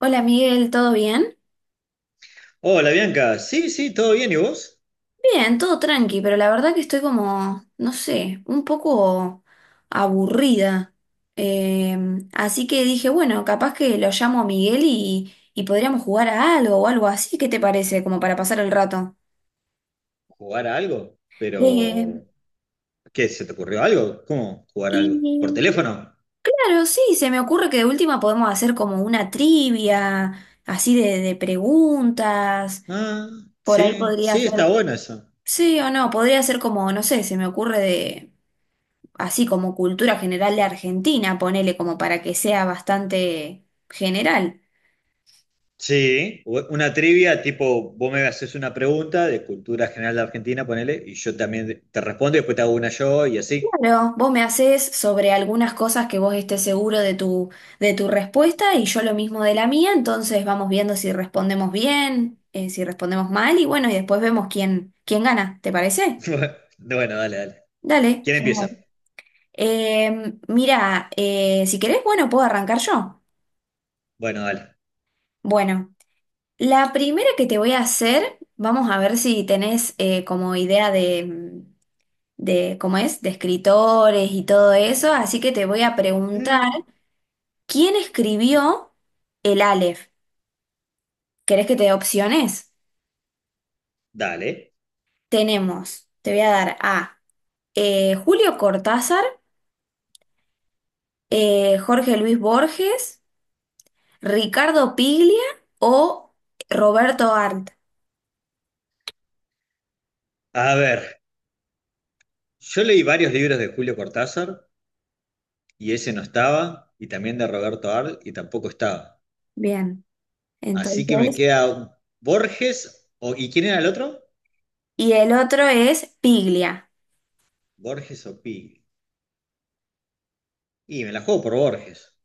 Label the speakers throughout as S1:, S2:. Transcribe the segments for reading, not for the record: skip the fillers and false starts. S1: Hola Miguel, ¿todo bien?
S2: Hola Bianca, sí, sí, todo bien, ¿y vos?
S1: Bien, todo tranqui, pero la verdad que estoy como, no sé, un poco aburrida. Eh, Así que dije, bueno, capaz que lo llamo a Miguel y podríamos jugar a algo o algo así, ¿qué te parece? Como para pasar el rato.
S2: ¿Jugar a algo?
S1: Eh,
S2: Pero, ¿qué? ¿Se te ocurrió algo? ¿Cómo jugar a algo? ¿Por
S1: y
S2: teléfono?
S1: claro, sí, se me ocurre que de última podemos hacer como una trivia, así de preguntas,
S2: Ah,
S1: por ahí
S2: sí,
S1: podría
S2: sí,
S1: ser,
S2: está bueno eso.
S1: sí o no, podría ser como, no sé, se me ocurre de... así como cultura general de Argentina, ponele como para que sea bastante general.
S2: Sí, una trivia tipo, vos me haces una pregunta de cultura general de Argentina, ponele, y yo también te respondo y después te hago una yo y así.
S1: Claro, vos me haces sobre algunas cosas que vos estés seguro de tu respuesta y yo lo mismo de la mía, entonces vamos viendo si respondemos bien, si respondemos mal y bueno, y después vemos quién gana, ¿te parece?
S2: Bueno, dale, dale.
S1: Dale,
S2: ¿Quién
S1: genial.
S2: empieza?
S1: Mira, si querés, bueno, puedo arrancar yo.
S2: Bueno, dale.
S1: Bueno, la primera que te voy a hacer, vamos a ver si tenés como idea de ¿cómo es? De escritores y todo eso, así que te voy a preguntar,
S2: Mm.
S1: ¿quién escribió el Aleph? ¿Querés que te dé opciones?
S2: Dale.
S1: Tenemos, te voy a dar A, Julio Cortázar, Jorge Luis Borges, Ricardo Piglia o Roberto Arlt.
S2: A ver, yo leí varios libros de Julio Cortázar y ese no estaba, y también de Roberto Arlt, y tampoco estaba.
S1: Bien,
S2: Así que me
S1: entonces,
S2: queda Borges, o, ¿y quién era el otro?
S1: y el otro es Piglia,
S2: Borges o Pi. Y me la juego por Borges.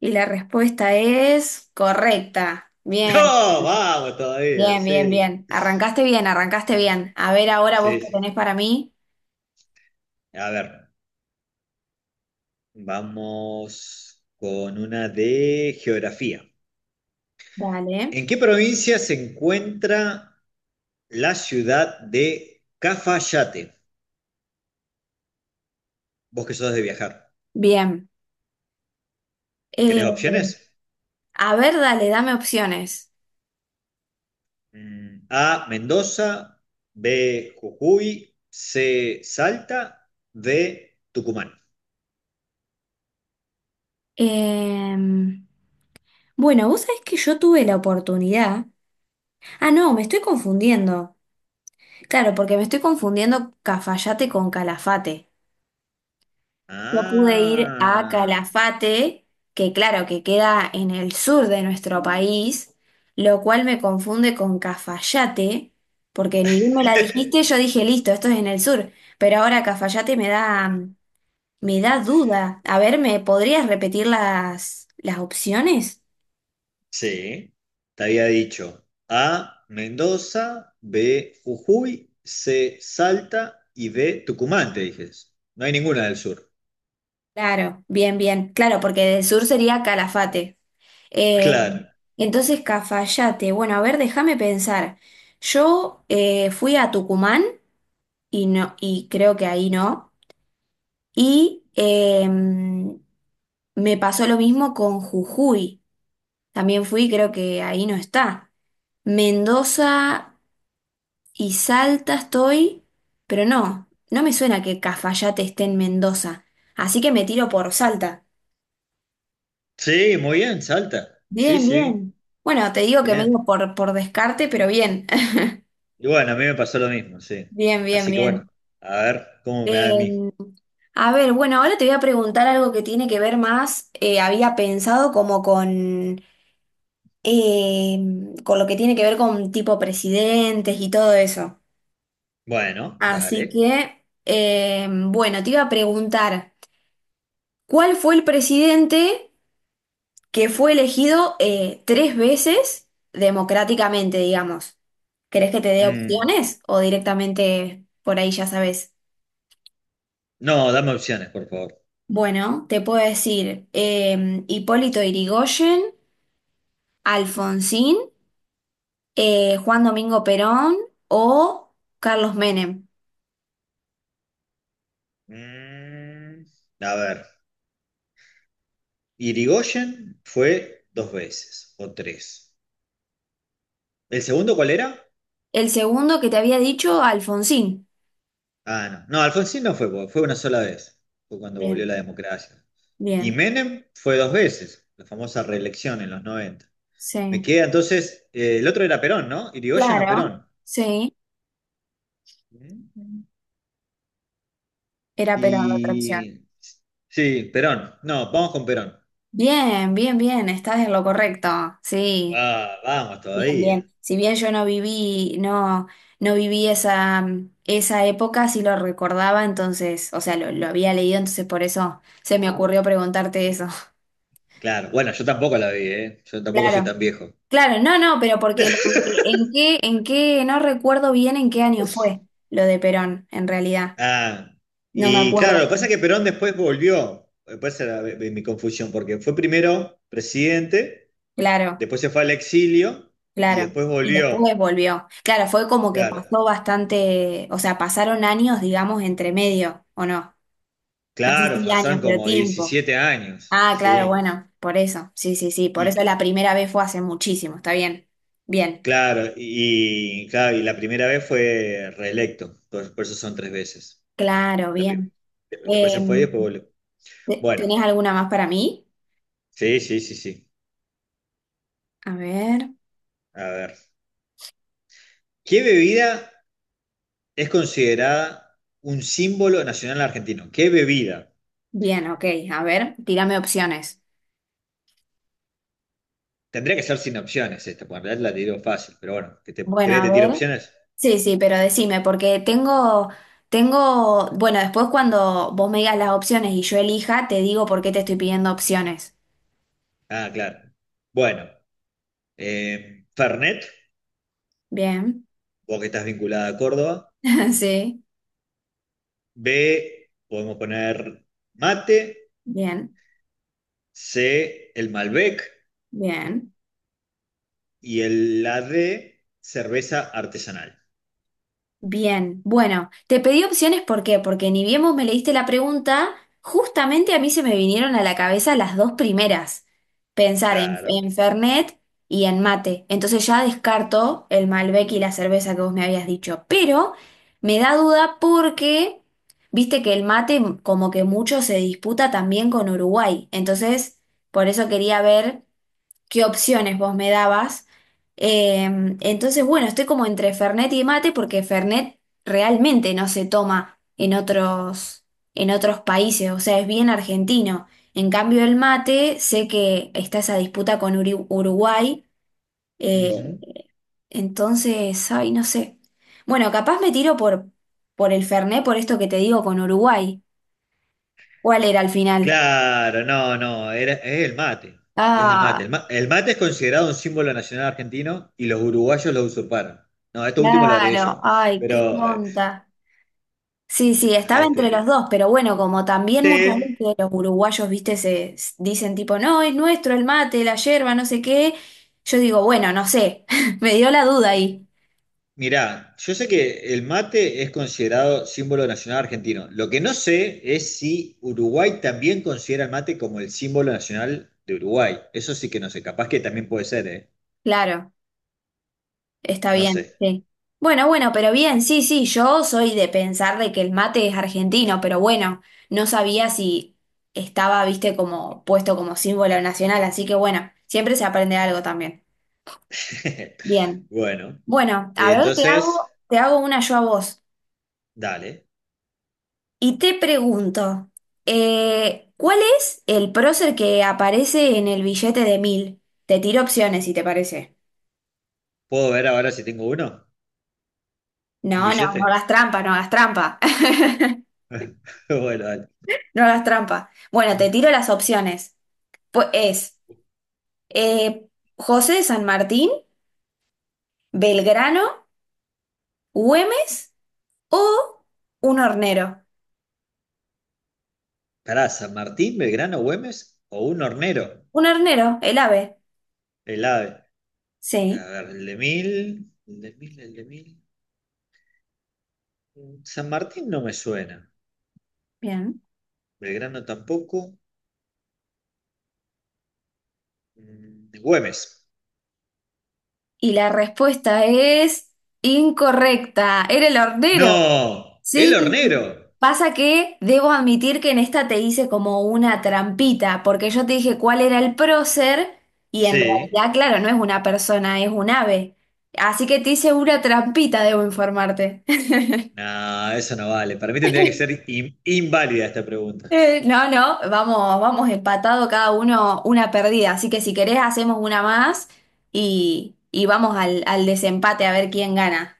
S1: y la respuesta es correcta. Bien.
S2: ¡No! ¡Vamos todavía!
S1: Bien, bien,
S2: Sí.
S1: bien. Arrancaste bien, arrancaste bien. A ver ahora vos
S2: Sí,
S1: qué
S2: sí.
S1: tenés para mí.
S2: A ver, vamos con una de geografía.
S1: Dale.
S2: ¿En qué provincia se encuentra la ciudad de Cafayate? Vos que sos de viajar.
S1: Bien. Eh,
S2: ¿Querés opciones?
S1: a ver, dale, dame opciones.
S2: Mm, A, Mendoza, B, Jujuy, C, Salta, D, Tucumán.
S1: Eh, bueno, vos sabés que yo tuve la oportunidad. Ah, no, me estoy confundiendo. Claro, porque me estoy confundiendo Cafayate con Calafate. Yo pude ir a
S2: Ah,
S1: Calafate, que claro, que queda en el sur de nuestro país, lo cual me confunde con Cafayate, porque ni bien me la dijiste, yo dije, listo, esto es en el sur, pero ahora Cafayate me da duda. A ver, ¿me podrías repetir las opciones?
S2: sí, te había dicho A, Mendoza, B, Jujuy, C, Salta y D, Tucumán, te dije. No hay ninguna del sur.
S1: Claro, bien, bien, claro, porque del sur sería Calafate. Eh,
S2: Claro.
S1: entonces, Cafayate, bueno, a ver, déjame pensar. Yo fui a Tucumán. Y no, y creo que ahí no. Y me pasó lo mismo con Jujuy. También fui, creo que ahí no está. Mendoza y Salta estoy, pero no, no me suena que Cafayate esté en Mendoza. Así que me tiro por Salta.
S2: Sí, muy bien, Salta. Sí,
S1: Bien,
S2: sí,
S1: bien. Bueno, te digo que me
S2: bien.
S1: digo por descarte, pero bien.
S2: Y bueno, a mí me pasó lo mismo, sí.
S1: Bien, bien,
S2: Así que bueno,
S1: bien.
S2: a ver cómo me da a mí.
S1: Em, a ver, bueno, ahora te voy a preguntar algo que tiene que ver más, había pensado como con con lo que tiene que ver con tipo presidentes y todo eso.
S2: Bueno,
S1: Así
S2: dale.
S1: que, bueno, te iba a preguntar, ¿cuál fue el presidente que fue elegido tres veces democráticamente, digamos? ¿Querés que te dé
S2: Mm.
S1: opciones o directamente por ahí ya sabes?
S2: No, dame opciones, por favor.
S1: Bueno, te puedo decir Hipólito Yrigoyen, Alfonsín, Juan Domingo Perón o Carlos Menem.
S2: Mm, a ver, Irigoyen fue dos veces o tres. ¿El segundo cuál era?
S1: El segundo que te había dicho, Alfonsín.
S2: Ah, no. No, Alfonsín no fue, porque fue una sola vez. Fue cuando volvió
S1: Bien,
S2: la democracia. Y
S1: bien,
S2: Menem fue dos veces, la famosa reelección en los 90.
S1: sí.
S2: Me queda entonces, el otro era Perón, ¿no? Irigoyen o
S1: Claro,
S2: Perón.
S1: sí,
S2: Mm.
S1: era Perón la otra opción.
S2: Y... sí, Perón. No, vamos con Perón.
S1: Bien, bien, bien, estás en lo correcto. Sí,
S2: Ah, vamos
S1: bien,
S2: todavía.
S1: bien. Si bien yo no viví, no, no viví esa época, sí lo recordaba, entonces, o sea, lo había leído, entonces por eso se me ocurrió preguntarte eso.
S2: Claro, bueno, yo tampoco la vi, ¿eh? Yo tampoco soy tan
S1: Claro,
S2: viejo.
S1: claro, no, no, pero porque lo- en qué, no recuerdo bien en qué año fue lo de Perón, en realidad.
S2: Ah,
S1: No me
S2: y claro, lo
S1: acuerdo,
S2: que pasa es que Perón después volvió. Después era mi confusión, porque fue primero presidente,
S1: claro,
S2: después se fue al exilio y
S1: claro.
S2: después
S1: Y
S2: volvió.
S1: después volvió. Claro, fue como que
S2: Claro,
S1: pasó bastante, o sea, pasaron años, digamos, entre medio, ¿o no? No sé
S2: claro,
S1: si años,
S2: pasaron
S1: pero
S2: como
S1: tiempo.
S2: 17 años,
S1: Ah, claro,
S2: ¿sí?
S1: bueno, por eso, sí, sí, sí, por eso
S2: Y
S1: la primera vez fue hace muchísimo, está bien, bien,
S2: claro, y, claro, y la primera vez fue reelecto, por eso son tres veces.
S1: claro,
S2: La prim-
S1: bien.
S2: Después
S1: Eh,
S2: se fue y después volvió.
S1: ¿Te-
S2: Bueno,
S1: ¿tenés alguna más para mí?
S2: sí, sí, sí, sí.
S1: A ver,
S2: A ver. ¿Qué bebida es considerada un símbolo nacional argentino? ¿Qué bebida?
S1: bien, ok, a ver, tírame opciones.
S2: Tendría que ser sin opciones esta, porque en realidad la tiro fácil, pero bueno, ¿que te,
S1: Bueno,
S2: ¿querés
S1: a
S2: que te tire
S1: ver.
S2: opciones?
S1: Sí, sí, pero decime, porque tengo, bueno, después cuando vos me digas las opciones y yo elija, te digo por qué te estoy pidiendo opciones.
S2: Ah, claro. Bueno, Fernet,
S1: Bien,
S2: vos que estás vinculada a Córdoba.
S1: sí,
S2: B, podemos poner mate.
S1: bien,
S2: C, el Malbec.
S1: bien.
S2: Y el, la D, cerveza artesanal.
S1: Bien, bueno, te pedí opciones, ¿por qué? Porque ni bien vos me leíste la pregunta, justamente a mí se me vinieron a la cabeza las dos primeras. Pensar en,
S2: Claro.
S1: en Fernet y en mate. Entonces ya descarto el Malbec y la cerveza que vos me habías dicho. Pero me da duda porque viste que el mate como que mucho se disputa también con Uruguay. Entonces, por eso quería ver qué opciones vos me dabas. Entonces, bueno, estoy como entre Fernet y mate porque Fernet realmente no se toma en en otros países, o sea, es bien argentino. En cambio, el mate, sé que está esa disputa con Uri- Uruguay, eh,
S2: Ujú.
S1: entonces, ay, no sé. Bueno, capaz me tiro por el Fernet, por esto que te digo con Uruguay. ¿Cuál era al final?
S2: Claro, no, no, era, es el mate. Es el mate.
S1: Ah,
S2: El mate es considerado un símbolo nacional argentino y los uruguayos lo usurparon. No, esto último lo agregué
S1: claro,
S2: yo.
S1: ay, qué
S2: Pero,
S1: tonta. Sí, sí, estaba entre los
S2: este,
S1: dos, pero bueno, como también muchos
S2: sí,
S1: veces los uruguayos, viste, se s- dicen tipo, no, es nuestro el mate, la yerba, no sé qué. Yo digo, bueno, no sé, me dio la duda ahí.
S2: mirá, yo sé que el mate es considerado símbolo nacional argentino. Lo que no sé es si Uruguay también considera el mate como el símbolo nacional de Uruguay. Eso sí que no sé, capaz que también puede ser, ¿eh?
S1: Claro, está
S2: No sé.
S1: bien, sí. Bueno, bueno, pero bien, sí, sí, yo soy de pensar de que el mate es argentino, pero bueno, no sabía si estaba, viste, como puesto como símbolo nacional, así que bueno, siempre se aprende algo también. Bien.
S2: Bueno,
S1: Bueno, a ver,
S2: entonces,
S1: te hago una yo a vos.
S2: dale.
S1: Y te pregunto, ¿cuál es el prócer que aparece en el billete de mil? Te tiro opciones si te parece.
S2: ¿Puedo ver ahora si tengo uno?
S1: No,
S2: ¿Un
S1: no,
S2: billete?
S1: no hagas trampa, no hagas trampa.
S2: Bueno, dale.
S1: No hagas trampa. Bueno, te tiro las opciones. Pues es eh, José de San Martín, Belgrano, Güemes o un hornero.
S2: Pará, San Martín, Belgrano, Güemes o un hornero,
S1: Un hornero, el ave.
S2: el ave. A
S1: Sí,
S2: ver, el de 1000, el de 1000, el de mil. San Martín no me suena.
S1: bien.
S2: Belgrano tampoco. Mm, Güemes.
S1: Y la respuesta es incorrecta. Era el hornero.
S2: ¡No! ¡El
S1: Sí,
S2: hornero!
S1: pasa que debo admitir que en esta te hice como una trampita, porque yo te dije cuál era el prócer y en
S2: Sí.
S1: realidad, claro, no es una persona, es un ave. Así que te hice una trampita, debo informarte.
S2: No, eso no vale. Para mí tendría que ser inválida esta pregunta.
S1: No, no, vamos, vamos empatado cada uno una perdida, así que si querés hacemos una más y vamos al desempate a ver quién gana.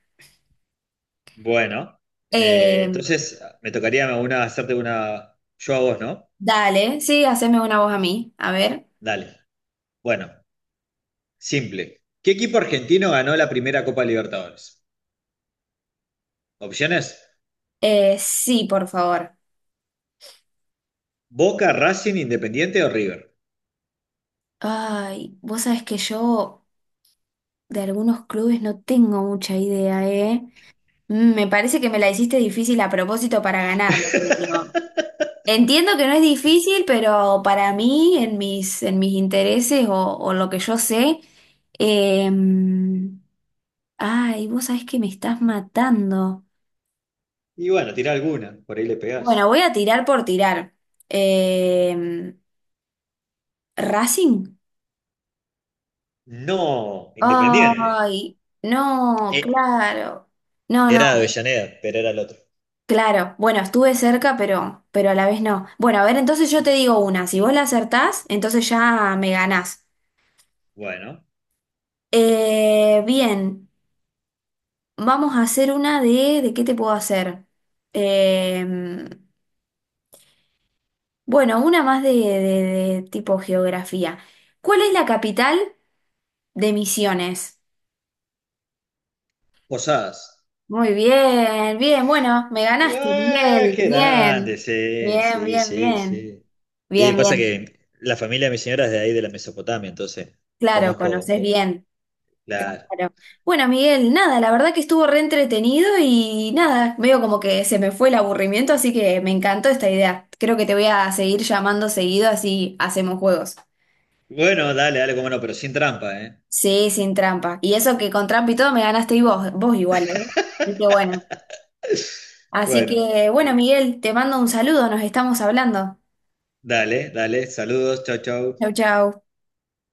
S2: Bueno,
S1: Eh,
S2: entonces me tocaría una, hacerte una yo a vos, ¿no?
S1: Dale, sí, haceme una voz a mí, a ver.
S2: Dale. Bueno, simple. ¿Qué equipo argentino ganó la primera Copa Libertadores? Opciones:
S1: Sí, por favor.
S2: Boca, Racing, Independiente o River.
S1: Ay, vos sabés que yo de algunos clubes no tengo mucha idea, ¿eh? Mm, me parece que me la hiciste difícil a propósito para ganarme, Julio. Entiendo que no es difícil, pero para mí, en mis intereses o lo que yo sé, eh, ay, vos sabés que me estás matando.
S2: Y bueno, tira alguna, por ahí le
S1: Bueno,
S2: pegás.
S1: voy a tirar por tirar. Eh, ¿Racing?
S2: No, Independiente.
S1: Ay, no,
S2: Eh,
S1: claro. No, no.
S2: era de Avellaneda, pero era el otro.
S1: Claro, bueno, estuve cerca, pero a la vez no. Bueno, a ver, entonces yo te digo una. Si vos la acertás, entonces ya me ganás.
S2: Bueno,
S1: Bien, vamos a hacer una de... ¿De qué te puedo hacer? Eh, bueno, una más de de tipo geografía. ¿Cuál es la capital de Misiones?
S2: Posadas.
S1: Muy bien, bien, bueno, me ganaste, Miguel.
S2: Qué grande,
S1: Bien,
S2: sí,
S1: bien,
S2: sí,
S1: bien,
S2: sí,
S1: bien.
S2: sí. Y
S1: Bien,
S2: pasa
S1: bien.
S2: que la familia de mi señora es de ahí, de la Mesopotamia, entonces
S1: Claro,
S2: conozco un
S1: conoces
S2: poco.
S1: bien.
S2: Claro.
S1: Claro. Bueno, Miguel, nada, la verdad que estuvo re entretenido y nada, veo como que se me fue el aburrimiento, así que me encantó esta idea. Creo que te voy a seguir llamando seguido, así hacemos juegos.
S2: Bueno, dale, dale, como no, pero sin trampa, ¿eh?
S1: Sí, sin trampa. Y eso que con trampa y todo me ganaste y vos igual, ¿eh? Así que bueno. Así
S2: Bueno,
S1: que bueno, Miguel, te mando un saludo, nos estamos hablando.
S2: dale, dale, saludos, chau, chau.
S1: Chau, chau.